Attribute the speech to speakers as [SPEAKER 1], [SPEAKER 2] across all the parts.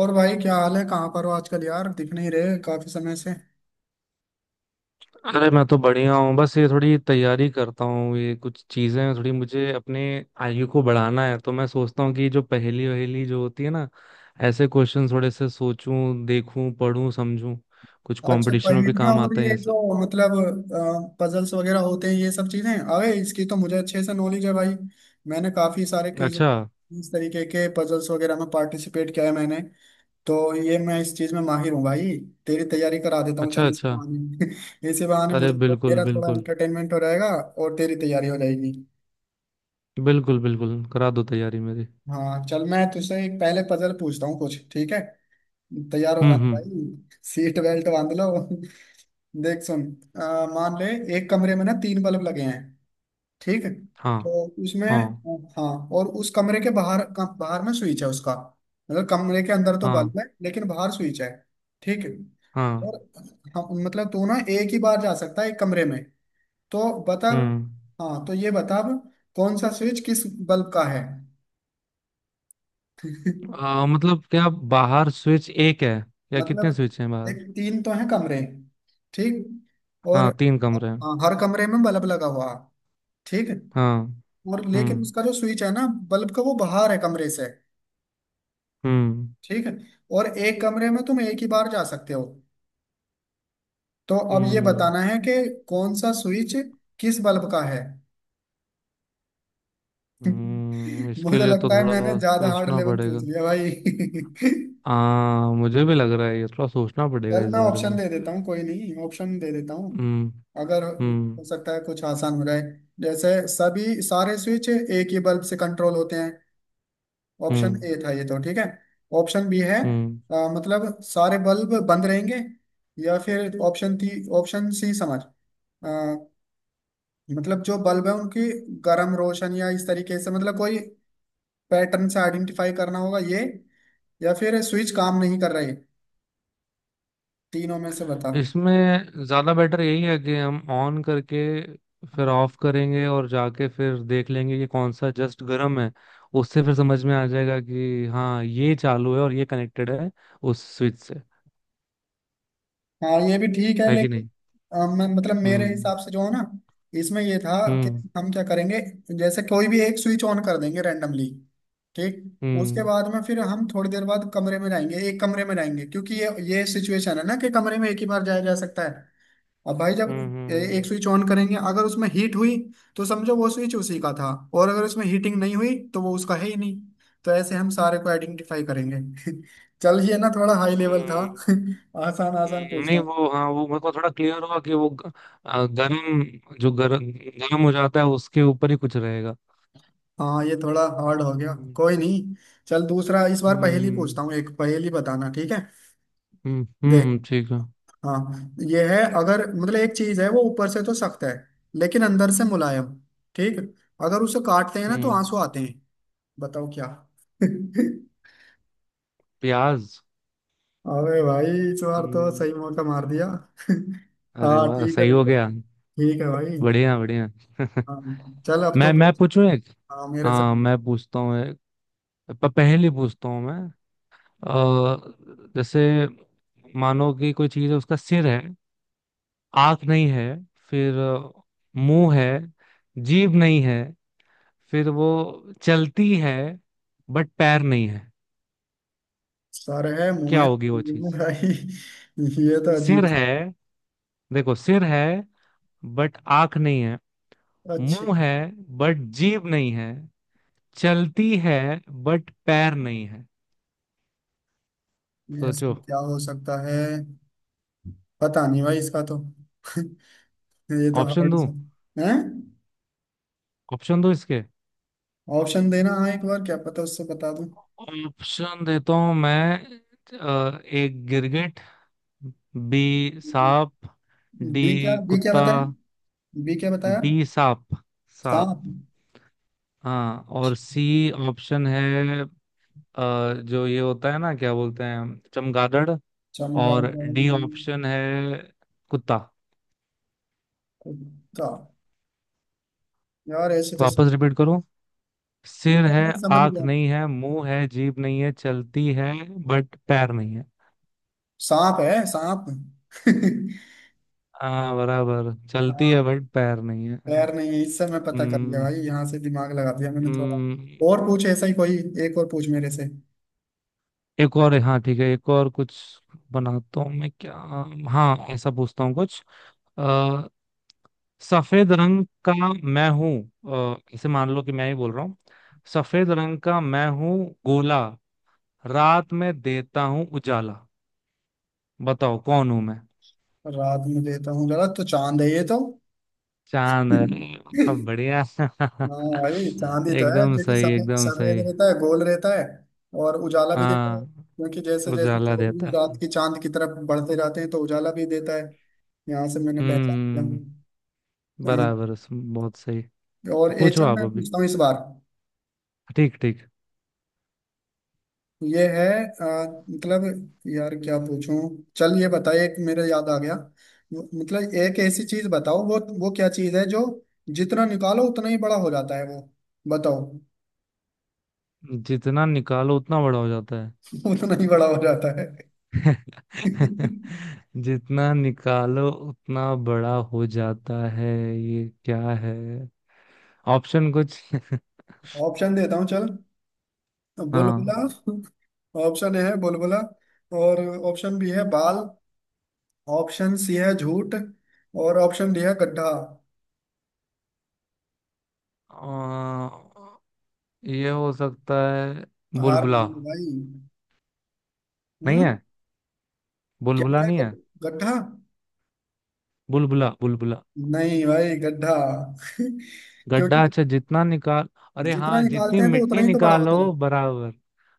[SPEAKER 1] और भाई क्या हाल है। कहाँ पर हो आजकल यार? दिख नहीं रहे काफी समय से।
[SPEAKER 2] अरे मैं तो बढ़िया हूँ। बस ये थोड़ी तैयारी करता हूँ, ये कुछ चीजें हैं, थोड़ी मुझे अपने आयु को बढ़ाना है। तो मैं सोचता हूँ कि जो पहेली वहेली जो होती है ना, ऐसे क्वेश्चन थोड़े से सोचूं, देखूं, पढ़ूं, समझूं। कुछ
[SPEAKER 1] अच्छा
[SPEAKER 2] कंपटीशन में भी
[SPEAKER 1] पहेलियां
[SPEAKER 2] काम
[SPEAKER 1] और
[SPEAKER 2] आते हैं
[SPEAKER 1] ये
[SPEAKER 2] ये
[SPEAKER 1] जो
[SPEAKER 2] सब।
[SPEAKER 1] मतलब पजल्स वगैरह होते हैं ये सब चीजें, अरे इसकी तो मुझे अच्छे से नॉलेज है भाई। मैंने काफी सारे क्विज,
[SPEAKER 2] अच्छा
[SPEAKER 1] इस तरीके के पजल्स वगैरह में पार्टिसिपेट किया है। मैंने तो ये मैं इस चीज में माहिर हूँ भाई। तेरी तैयारी करा देता हूँ
[SPEAKER 2] अच्छा।
[SPEAKER 1] चल इस
[SPEAKER 2] अच्छा।
[SPEAKER 1] बहाने इसी बहाने
[SPEAKER 2] अरे
[SPEAKER 1] मुझे तो
[SPEAKER 2] बिल्कुल
[SPEAKER 1] मेरा थोड़ा
[SPEAKER 2] बिल्कुल।
[SPEAKER 1] एंटरटेनमेंट हो जाएगा। और तेरी तैयारी हो जाएगी।
[SPEAKER 2] बिल्कुल बिल्कुल, करा दो तैयारी मेरी।
[SPEAKER 1] हाँ चल, मैं तुझसे एक पहले पजल पूछता हूँ कुछ, ठीक है? तैयार हो जाना
[SPEAKER 2] हम्म।
[SPEAKER 1] भाई, सीट बेल्ट बांध लो। देख सुन। अ, मान ले एक कमरे में ना तीन बल्ब लगे हैं, ठीक है?
[SPEAKER 2] हाँ।
[SPEAKER 1] तो उसमें,
[SPEAKER 2] हाँ।
[SPEAKER 1] हाँ, और उस कमरे के बाहर बाहर में स्विच है उसका। मतलब कमरे के अंदर तो
[SPEAKER 2] हाँ।
[SPEAKER 1] बल्ब है, लेकिन बाहर स्विच है, ठीक है?
[SPEAKER 2] हाँ।
[SPEAKER 1] और हम मतलब तू ना एक ही बार जा सकता है एक कमरे में। तो बता,
[SPEAKER 2] हम्म।
[SPEAKER 1] हाँ तो ये बता अब, कौन सा स्विच किस बल्ब का है?
[SPEAKER 2] मतलब क्या? बाहर स्विच एक है, या कितने
[SPEAKER 1] मतलब
[SPEAKER 2] स्विच हैं बाहर?
[SPEAKER 1] एक तीन तो हैं कमरे, ठीक, और
[SPEAKER 2] हाँ, तीन कमरे हैं।
[SPEAKER 1] हाँ, हर कमरे में बल्ब लगा हुआ, ठीक।
[SPEAKER 2] हाँ।
[SPEAKER 1] और लेकिन
[SPEAKER 2] हम्म।
[SPEAKER 1] उसका जो स्विच है ना बल्ब का, वो बाहर है कमरे से।
[SPEAKER 2] हम्म।
[SPEAKER 1] ठीक है, और एक कमरे में तुम एक ही बार जा सकते हो। तो अब ये
[SPEAKER 2] हम्म।
[SPEAKER 1] बताना है कि कौन सा स्विच किस बल्ब का है।
[SPEAKER 2] इसके
[SPEAKER 1] मुझे
[SPEAKER 2] लिए तो
[SPEAKER 1] लगता है
[SPEAKER 2] थोड़ा
[SPEAKER 1] मैंने ज्यादा हार्ड
[SPEAKER 2] सोचना
[SPEAKER 1] लेवल
[SPEAKER 2] पड़ेगा।
[SPEAKER 1] पूछ लिया भाई
[SPEAKER 2] आ मुझे भी लग रहा है ये थोड़ा सोचना पड़ेगा
[SPEAKER 1] चल
[SPEAKER 2] इस
[SPEAKER 1] मैं
[SPEAKER 2] बारे
[SPEAKER 1] ऑप्शन
[SPEAKER 2] में।
[SPEAKER 1] दे देता हूँ, कोई नहीं ऑप्शन दे देता हूँ,
[SPEAKER 2] हम्म।
[SPEAKER 1] अगर
[SPEAKER 2] हम्म।
[SPEAKER 1] हो सकता है कुछ आसान हो जाए। जैसे सभी सारे स्विच एक ही बल्ब से कंट्रोल होते हैं, ऑप्शन
[SPEAKER 2] हम्म।
[SPEAKER 1] ए था ये, तो ठीक है। ऑप्शन बी है,
[SPEAKER 2] हम्म।
[SPEAKER 1] मतलब सारे बल्ब बंद रहेंगे। या फिर ऑप्शन थी ऑप्शन सी समझ, अ, मतलब जो बल्ब है उनकी गर्म रोशन या इस तरीके से मतलब कोई पैटर्न से आइडेंटिफाई करना होगा ये। या फिर स्विच काम नहीं कर रहे। तीनों में से बताओ।
[SPEAKER 2] इसमें ज्यादा बेटर यही है कि हम ऑन करके फिर ऑफ करेंगे और जाके फिर देख लेंगे कि कौन सा जस्ट गर्म है। उससे फिर समझ में आ जाएगा कि हाँ, ये चालू है और ये कनेक्टेड है उस स्विच से।
[SPEAKER 1] हाँ ये भी ठीक है,
[SPEAKER 2] है कि
[SPEAKER 1] लेकिन
[SPEAKER 2] नहीं?
[SPEAKER 1] मैं मतलब मेरे
[SPEAKER 2] हम्म।
[SPEAKER 1] हिसाब से जो है ना, इसमें ये था कि
[SPEAKER 2] हम्म।
[SPEAKER 1] हम क्या करेंगे, जैसे कोई भी एक स्विच ऑन कर देंगे रैंडमली, ठीक। उसके
[SPEAKER 2] हम्म।
[SPEAKER 1] बाद में फिर हम थोड़ी देर बाद कमरे में जाएंगे, एक कमरे में जाएंगे, क्योंकि ये सिचुएशन है ना कि कमरे में एक ही बार जाया जा सकता है। अब भाई जब
[SPEAKER 2] हम्म। हम्म।
[SPEAKER 1] एक स्विच ऑन करेंगे, अगर उसमें हीट हुई तो समझो वो स्विच उसी का था। और अगर उसमें हीटिंग नहीं हुई तो वो उसका है ही नहीं। तो ऐसे हम सारे को आइडेंटिफाई करेंगे चल ये ना थोड़ा हाई लेवल था
[SPEAKER 2] हम्म।
[SPEAKER 1] आसान आसान पूछता
[SPEAKER 2] नहीं
[SPEAKER 1] हूँ।
[SPEAKER 2] वो हाँ, वो मेरे को थोड़ा क्लियर हुआ कि गर्म, जो गर्म गर्म हो जाता है उसके ऊपर ही कुछ रहेगा।
[SPEAKER 1] हाँ ये थोड़ा हार्ड हो गया,
[SPEAKER 2] हम्म।
[SPEAKER 1] कोई नहीं। चल दूसरा इस बार पहेली पूछता हूँ, एक पहेली बताना, ठीक है?
[SPEAKER 2] हम्म।
[SPEAKER 1] देख,
[SPEAKER 2] ठीक है।
[SPEAKER 1] हाँ ये है, अगर मतलब एक चीज है वो ऊपर से तो सख्त है, लेकिन अंदर से मुलायम, ठीक। अगर उसे काटते हैं ना तो
[SPEAKER 2] हम्म।
[SPEAKER 1] आंसू आते हैं। बताओ क्या?
[SPEAKER 2] प्याज।
[SPEAKER 1] अबे भाई, इस बार तो
[SPEAKER 2] हम्म,
[SPEAKER 1] सही मौका मार दिया
[SPEAKER 2] अरे
[SPEAKER 1] हाँ
[SPEAKER 2] वाह,
[SPEAKER 1] ठीक है,
[SPEAKER 2] सही हो
[SPEAKER 1] बिल्कुल
[SPEAKER 2] गया।
[SPEAKER 1] ठीक है भाई।
[SPEAKER 2] बढ़िया बढ़िया।
[SPEAKER 1] हाँ चल अब तो
[SPEAKER 2] मैं
[SPEAKER 1] पूछ।
[SPEAKER 2] पूछूं एक?
[SPEAKER 1] हाँ मेरे से
[SPEAKER 2] हाँ,
[SPEAKER 1] पूछ।
[SPEAKER 2] मैं पूछता हूँ एक। पहेली पूछता हूँ मैं। जैसे, मानो कि कोई चीज है, उसका सिर है, आंख नहीं है, फिर मुंह है, जीभ नहीं है, फिर वो चलती है बट पैर नहीं है।
[SPEAKER 1] सर है मुंह
[SPEAKER 2] क्या
[SPEAKER 1] है
[SPEAKER 2] होगी वो
[SPEAKER 1] मुंह है
[SPEAKER 2] चीज?
[SPEAKER 1] भाई ये तो अजीब
[SPEAKER 2] सिर
[SPEAKER 1] सा-
[SPEAKER 2] है, देखो सिर है, बट आंख नहीं है,
[SPEAKER 1] अच्छा
[SPEAKER 2] मुंह है बट जीभ नहीं है, चलती है बट पैर नहीं है।
[SPEAKER 1] यस,
[SPEAKER 2] सोचो।
[SPEAKER 1] क्या हो सकता है? पता नहीं भाई, इसका तो ये तो
[SPEAKER 2] ऑप्शन
[SPEAKER 1] हार्ड
[SPEAKER 2] दूं?
[SPEAKER 1] सा है।
[SPEAKER 2] ऑप्शन दूं इसके?
[SPEAKER 1] ऑप्शन देना हाँ, एक बार क्या पता उससे बता दूं।
[SPEAKER 2] ऑप्शन देता हूं मैं। एक गिरगिट, बी सांप, डी
[SPEAKER 1] बी क्या? बी क्या
[SPEAKER 2] कुत्ता।
[SPEAKER 1] बताया? बी क्या बताया?
[SPEAKER 2] बी सांप।
[SPEAKER 1] सांप,
[SPEAKER 2] सांप। हाँ, और सी ऑप्शन है जो ये होता है ना, क्या बोलते हैं, चमगादड़। और
[SPEAKER 1] चमगादड़
[SPEAKER 2] डी ऑप्शन है कुत्ता।
[SPEAKER 1] का? यार ऐसे तो,
[SPEAKER 2] वापस रिपीट करूं?
[SPEAKER 1] नहीं
[SPEAKER 2] सिर है,
[SPEAKER 1] नहीं समझ
[SPEAKER 2] आंख
[SPEAKER 1] गया।
[SPEAKER 2] नहीं है, मुंह है, जीभ नहीं है, चलती है, बट पैर नहीं है।
[SPEAKER 1] सांप है सांप
[SPEAKER 2] हाँ, बराबर चलती
[SPEAKER 1] हाँ
[SPEAKER 2] है बट पैर नहीं है।
[SPEAKER 1] पैर नहीं है इससे मैं पता कर लिया
[SPEAKER 2] हम्म।
[SPEAKER 1] भाई, यहाँ से दिमाग लगा दिया मैंने थोड़ा।
[SPEAKER 2] हम्म,
[SPEAKER 1] और पूछ ऐसा ही कोई। एक और पूछ मेरे से।
[SPEAKER 2] एक और है। हाँ ठीक है, एक और कुछ बनाता हूँ मैं क्या। हाँ, ऐसा पूछता हूँ कुछ। सफेद रंग का मैं हूं। इसे मान लो कि मैं ही बोल रहा हूँ। सफेद रंग का मैं हूं, गोला, रात में देता हूं उजाला, बताओ कौन हूं मैं?
[SPEAKER 1] रात में देता हूँ जरा, तो चांद है ये तो।
[SPEAKER 2] चांद? अरे वाह, बढ़िया।
[SPEAKER 1] हाँ भाई चांदी तो है
[SPEAKER 2] एकदम
[SPEAKER 1] क्योंकि
[SPEAKER 2] सही
[SPEAKER 1] सफेद
[SPEAKER 2] एकदम
[SPEAKER 1] सफेद
[SPEAKER 2] सही।
[SPEAKER 1] रहता है, गोल रहता है। और उजाला भी देता है
[SPEAKER 2] हाँ,
[SPEAKER 1] क्योंकि जैसे जैसे
[SPEAKER 2] उजाला
[SPEAKER 1] 14वीं
[SPEAKER 2] देता
[SPEAKER 1] रात
[SPEAKER 2] है।
[SPEAKER 1] की चांद की तरफ बढ़ते जाते हैं तो उजाला भी देता है। यहाँ से मैंने पहचान लिया
[SPEAKER 2] हम्म,
[SPEAKER 1] हूँ। हाँ,
[SPEAKER 2] बराबर, बहुत सही। तो
[SPEAKER 1] और ये
[SPEAKER 2] पूछो
[SPEAKER 1] चल
[SPEAKER 2] आप
[SPEAKER 1] मैं
[SPEAKER 2] अभी।
[SPEAKER 1] पूछता हूँ इस बार।
[SPEAKER 2] ठीक ठीक।
[SPEAKER 1] ये है, आ, मतलब, यार क्या पूछूं? चल ये बताइए एक मेरे याद आ गया। मतलब एक ऐसी चीज बताओ, वो क्या चीज है जो जितना निकालो उतना ही बड़ा हो जाता है वो? बताओ
[SPEAKER 2] जितना निकालो उतना बड़ा हो जाता है?
[SPEAKER 1] उतना ही बड़ा हो जाता है
[SPEAKER 2] जितना निकालो उतना बड़ा हो जाता है, ये क्या है? ऑप्शन कुछ?
[SPEAKER 1] ऑप्शन देता हूँ चल। बुलबुला,
[SPEAKER 2] हाँ।
[SPEAKER 1] ऑप्शन ए है बुलबुला। और ऑप्शन बी है बाल। ऑप्शन सी है झूठ। और ऑप्शन डी है गड्ढा।
[SPEAKER 2] अ, ये हो सकता है
[SPEAKER 1] हार मान
[SPEAKER 2] बुलबुला।
[SPEAKER 1] लो भाई।
[SPEAKER 2] नहीं
[SPEAKER 1] हम्म,
[SPEAKER 2] है?
[SPEAKER 1] क्या
[SPEAKER 2] बुलबुला
[SPEAKER 1] था,
[SPEAKER 2] नहीं है?
[SPEAKER 1] गड्ढा।
[SPEAKER 2] बुलबुला बुलबुला।
[SPEAKER 1] नहीं भाई गड्ढा
[SPEAKER 2] गड्ढा?
[SPEAKER 1] क्योंकि
[SPEAKER 2] अच्छा, जितना निकाल, अरे
[SPEAKER 1] जितना
[SPEAKER 2] हाँ, जितनी
[SPEAKER 1] निकालते हैं तो उतना
[SPEAKER 2] मिट्टी
[SPEAKER 1] ही तो बड़ा
[SPEAKER 2] निकालो
[SPEAKER 1] होता था।
[SPEAKER 2] बराबर।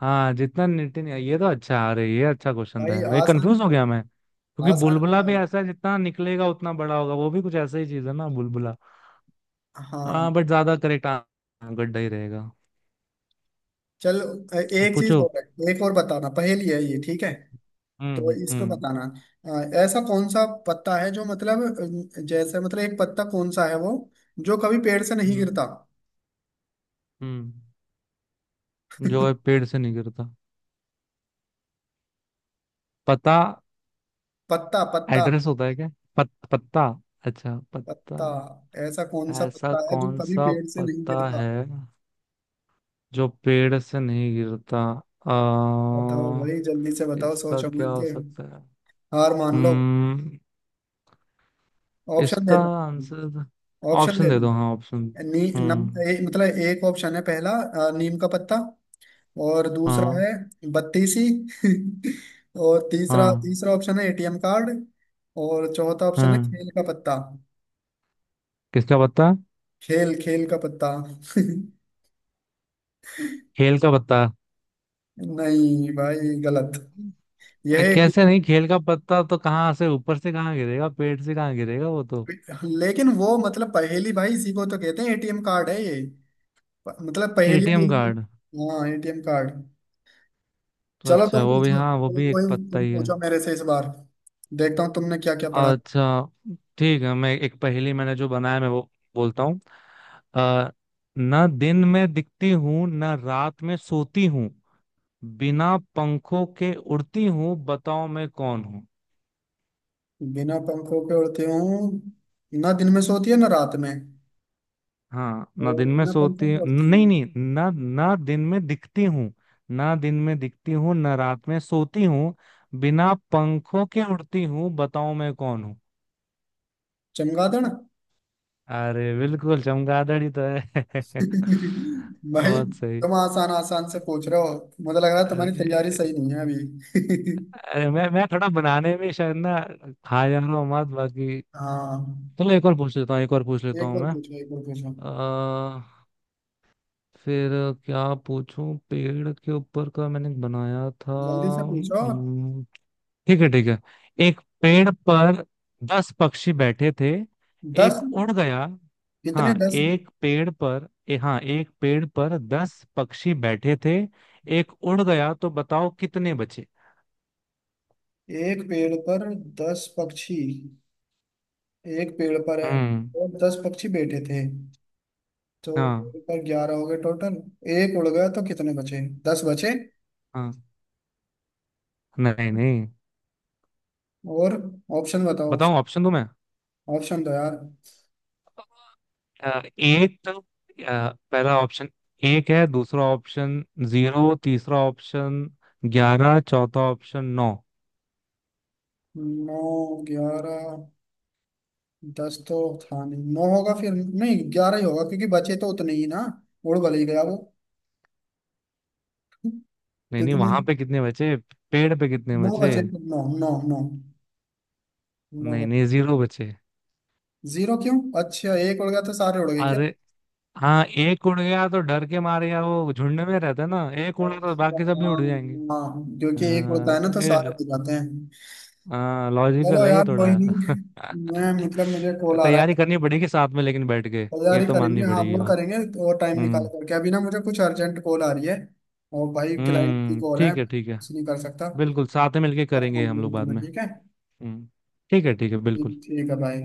[SPEAKER 2] हाँ, जितना मिट्टी निकाल, ये तो अच्छा, अरे ये अच्छा क्वेश्चन था
[SPEAKER 1] भाई
[SPEAKER 2] यार, ये
[SPEAKER 1] आसान
[SPEAKER 2] कंफ्यूज हो गया मैं, क्योंकि
[SPEAKER 1] आसान
[SPEAKER 2] बुलबुला भी
[SPEAKER 1] नहीं
[SPEAKER 2] ऐसा है, जितना निकलेगा उतना बड़ा होगा, वो भी कुछ ऐसा ही चीज है ना बुलबुला।
[SPEAKER 1] था। हाँ
[SPEAKER 2] हाँ, बट ज्यादा करेक्ट गड्ढा ही रहेगा।
[SPEAKER 1] चल, एक चीज
[SPEAKER 2] पूछो।
[SPEAKER 1] और है। एक और बताना पहेली है ये, ठीक है? तो इस पे
[SPEAKER 2] हम्म।
[SPEAKER 1] बताना अ, ऐसा कौन सा पत्ता है जो मतलब जैसे मतलब एक पत्ता कौन सा है वो, जो कभी पेड़ से नहीं
[SPEAKER 2] हम्म।
[SPEAKER 1] गिरता?
[SPEAKER 2] हम्म। जो है पेड़ से नहीं गिरता? पता?
[SPEAKER 1] पत्ता पत्ता
[SPEAKER 2] एड्रेस होता है क्या? पत्ता? अच्छा, पत्ता।
[SPEAKER 1] पत्ता, ऐसा कौन सा
[SPEAKER 2] ऐसा
[SPEAKER 1] पत्ता है जो
[SPEAKER 2] कौन
[SPEAKER 1] कभी
[SPEAKER 2] सा
[SPEAKER 1] पेड़ से नहीं
[SPEAKER 2] पत्ता
[SPEAKER 1] गिरता?
[SPEAKER 2] है जो पेड़ से नहीं गिरता?
[SPEAKER 1] बताओ
[SPEAKER 2] आ,
[SPEAKER 1] भाई जल्दी से बताओ,
[SPEAKER 2] इसका
[SPEAKER 1] सोचो
[SPEAKER 2] क्या
[SPEAKER 1] मत
[SPEAKER 2] हो
[SPEAKER 1] के।
[SPEAKER 2] सकता है?
[SPEAKER 1] हार मान लो।
[SPEAKER 2] हम्म,
[SPEAKER 1] ऑप्शन
[SPEAKER 2] इसका
[SPEAKER 1] देता हूँ,
[SPEAKER 2] आंसर?
[SPEAKER 1] ऑप्शन
[SPEAKER 2] ऑप्शन दे
[SPEAKER 1] देता
[SPEAKER 2] दो, हाँ ऑप्शन।
[SPEAKER 1] हूँ। नी नम
[SPEAKER 2] हम्म।
[SPEAKER 1] ए, मतलब एक ऑप्शन है पहला, नीम का पत्ता। और दूसरा
[SPEAKER 2] हाँ।
[SPEAKER 1] है बत्तीसी और तीसरा,
[SPEAKER 2] हाँ।
[SPEAKER 1] तीसरा ऑप्शन है एटीएम कार्ड। और चौथा ऑप्शन है
[SPEAKER 2] हाँ।
[SPEAKER 1] खेल का पत्ता।
[SPEAKER 2] किसका पत्ता?
[SPEAKER 1] खेल, खेल का पत्ता
[SPEAKER 2] हेल का पत्ता?
[SPEAKER 1] नहीं भाई गलत। यह
[SPEAKER 2] कैसे नहीं? खेल का पत्ता तो कहाँ से, ऊपर से कहाँ गिरेगा, पेट से कहाँ गिरेगा वो तो।
[SPEAKER 1] लेकिन वो मतलब पहेली भाई, इसी को तो कहते हैं, एटीएम कार्ड है ये। मतलब पहेली
[SPEAKER 2] एटीएम
[SPEAKER 1] यही तो,
[SPEAKER 2] कार्ड?
[SPEAKER 1] हाँ एटीएम कार्ड।
[SPEAKER 2] तो
[SPEAKER 1] चलो तुम
[SPEAKER 2] अच्छा, वो भी,
[SPEAKER 1] पूछो
[SPEAKER 2] हाँ वो
[SPEAKER 1] कोई
[SPEAKER 2] भी एक
[SPEAKER 1] कोई,
[SPEAKER 2] पत्ता
[SPEAKER 1] तुम
[SPEAKER 2] ही है।
[SPEAKER 1] पूछो मेरे से इस बार, देखता हूँ तुमने क्या क्या पढ़ा।
[SPEAKER 2] अच्छा ठीक है, मैं एक पहेली, मैंने जो बनाया मैं वो बोलता हूँ। अ, ना दिन में दिखती हूँ, ना रात में सोती हूँ, बिना पंखों के उड़ती हूँ, बताओ मैं कौन?
[SPEAKER 1] बिना पंखों के उड़ती हूँ, ना दिन में सोती है ना रात में।
[SPEAKER 2] हाँ, ना
[SPEAKER 1] और
[SPEAKER 2] दिन में
[SPEAKER 1] बिना
[SPEAKER 2] सोती,
[SPEAKER 1] पंखों के उड़ती
[SPEAKER 2] नहीं
[SPEAKER 1] है।
[SPEAKER 2] नहीं, ना, ना दिन में दिखती हूँ। ना दिन में दिखती हूँ, ना रात में सोती हूँ, बिना पंखों के उड़ती हूँ, बताओ मैं कौन हूँ?
[SPEAKER 1] चमगादड़
[SPEAKER 2] अरे बिल्कुल चमगादड़ ही तो है।
[SPEAKER 1] भाई
[SPEAKER 2] बहुत सही।
[SPEAKER 1] तुम आसान आसान से पूछ रहे हो, मुझे लग रहा है तुम्हारी तैयारी सही
[SPEAKER 2] अरे,
[SPEAKER 1] नहीं है अभी
[SPEAKER 2] अरे मैं थोड़ा बनाने में शायद ना खा जा रहा हूँ मत बाकी।
[SPEAKER 1] हाँ
[SPEAKER 2] चलो एक और पूछ लेता हूँ, एक और पूछ लेता
[SPEAKER 1] एक
[SPEAKER 2] हूँ
[SPEAKER 1] और
[SPEAKER 2] मैं।
[SPEAKER 1] पूछो, एक और पूछो।
[SPEAKER 2] आ, फिर क्या पूछूं, पेड़ के ऊपर का मैंने बनाया था।
[SPEAKER 1] जल्दी से पूछो।
[SPEAKER 2] ठीक है ठीक है। एक पेड़ पर 10 पक्षी बैठे थे, एक
[SPEAKER 1] 10?
[SPEAKER 2] उड़ गया।
[SPEAKER 1] कितने,
[SPEAKER 2] हाँ,
[SPEAKER 1] 10?
[SPEAKER 2] एक पेड़ पर ए, हाँ, एक पेड़ पर 10 पक्षी बैठे थे, एक उड़ गया, तो बताओ कितने बचे?
[SPEAKER 1] एक पेड़ पर 10 पक्षी? एक पेड़ पर है
[SPEAKER 2] हम्म।
[SPEAKER 1] और 10 पक्षी बैठे थे, तो
[SPEAKER 2] हाँ।
[SPEAKER 1] पेड़ पर 11 हो गए टोटल। एक उड़ गया तो कितने बचे? 10 बचे?
[SPEAKER 2] हाँ। नहीं नहीं।
[SPEAKER 1] और ऑप्शन बताओ
[SPEAKER 2] बताऊं,
[SPEAKER 1] ऑप्शन।
[SPEAKER 2] ऑप्शन दूं मैं?
[SPEAKER 1] ऑप्शन दो यार।
[SPEAKER 2] एक तो, पहला ऑप्शन एक है, दूसरा ऑप्शन जीरो, तीसरा ऑप्शन 11, चौथा ऑप्शन नौ।
[SPEAKER 1] नौ, 11, 10 तो था नहीं, नौ होगा फिर, नहीं 11 ही होगा क्योंकि बचे तो उतने ही ना, उड़ भले ही गया वो।
[SPEAKER 2] नहीं नहीं,
[SPEAKER 1] कितने?
[SPEAKER 2] वहां पे कितने बचे, पेड़ पे कितने
[SPEAKER 1] नौ
[SPEAKER 2] बचे?
[SPEAKER 1] बचे, तो नौ नौ नौ, नौ
[SPEAKER 2] नहीं नहीं,
[SPEAKER 1] बचे।
[SPEAKER 2] जीरो बचे।
[SPEAKER 1] जीरो क्यों? अच्छा एक उड़ गया तो सारे उड़ गए क्या?
[SPEAKER 2] अरे हाँ, एक उड़ गया तो डर के मारे, या वो झुंड में रहता है ना, एक उड़ा तो
[SPEAKER 1] अच्छा,
[SPEAKER 2] बाकी सब भी उड़ जाएंगे।
[SPEAKER 1] हाँ। हाँ, क्योंकि एक उड़ता है
[SPEAKER 2] हाँ,
[SPEAKER 1] ना तो सारे
[SPEAKER 2] ये,
[SPEAKER 1] उड़ जाते हैं।
[SPEAKER 2] हाँ
[SPEAKER 1] चलो
[SPEAKER 2] लॉजिकल है ये
[SPEAKER 1] यार कोई
[SPEAKER 2] थोड़ा।
[SPEAKER 1] नहीं। मैं मतलब मुझे कॉल आ रहा
[SPEAKER 2] तैयारी
[SPEAKER 1] है,
[SPEAKER 2] करनी पड़ेगी साथ में लेकिन बैठ के। ये
[SPEAKER 1] तैयारी
[SPEAKER 2] तो माननी
[SPEAKER 1] करेंगे हाँ
[SPEAKER 2] पड़ेगी
[SPEAKER 1] वो
[SPEAKER 2] बात।
[SPEAKER 1] करेंगे तो टाइम निकाल
[SPEAKER 2] हम्म।
[SPEAKER 1] करके, अभी ना मुझे कुछ अर्जेंट कॉल आ रही है। और भाई क्लाइंट की
[SPEAKER 2] हम्म,
[SPEAKER 1] कॉल है,
[SPEAKER 2] ठीक है ठीक है,
[SPEAKER 1] कुछ नहीं कर सकता।
[SPEAKER 2] बिल्कुल साथ में मिलके
[SPEAKER 1] करता
[SPEAKER 2] करेंगे हम लोग
[SPEAKER 1] हूँ तो
[SPEAKER 2] बाद
[SPEAKER 1] मैं,
[SPEAKER 2] में।
[SPEAKER 1] ठीक है?
[SPEAKER 2] हम्म। ठीक है ठीक है, बिल्कुल।
[SPEAKER 1] ठीक ठीक है भाई।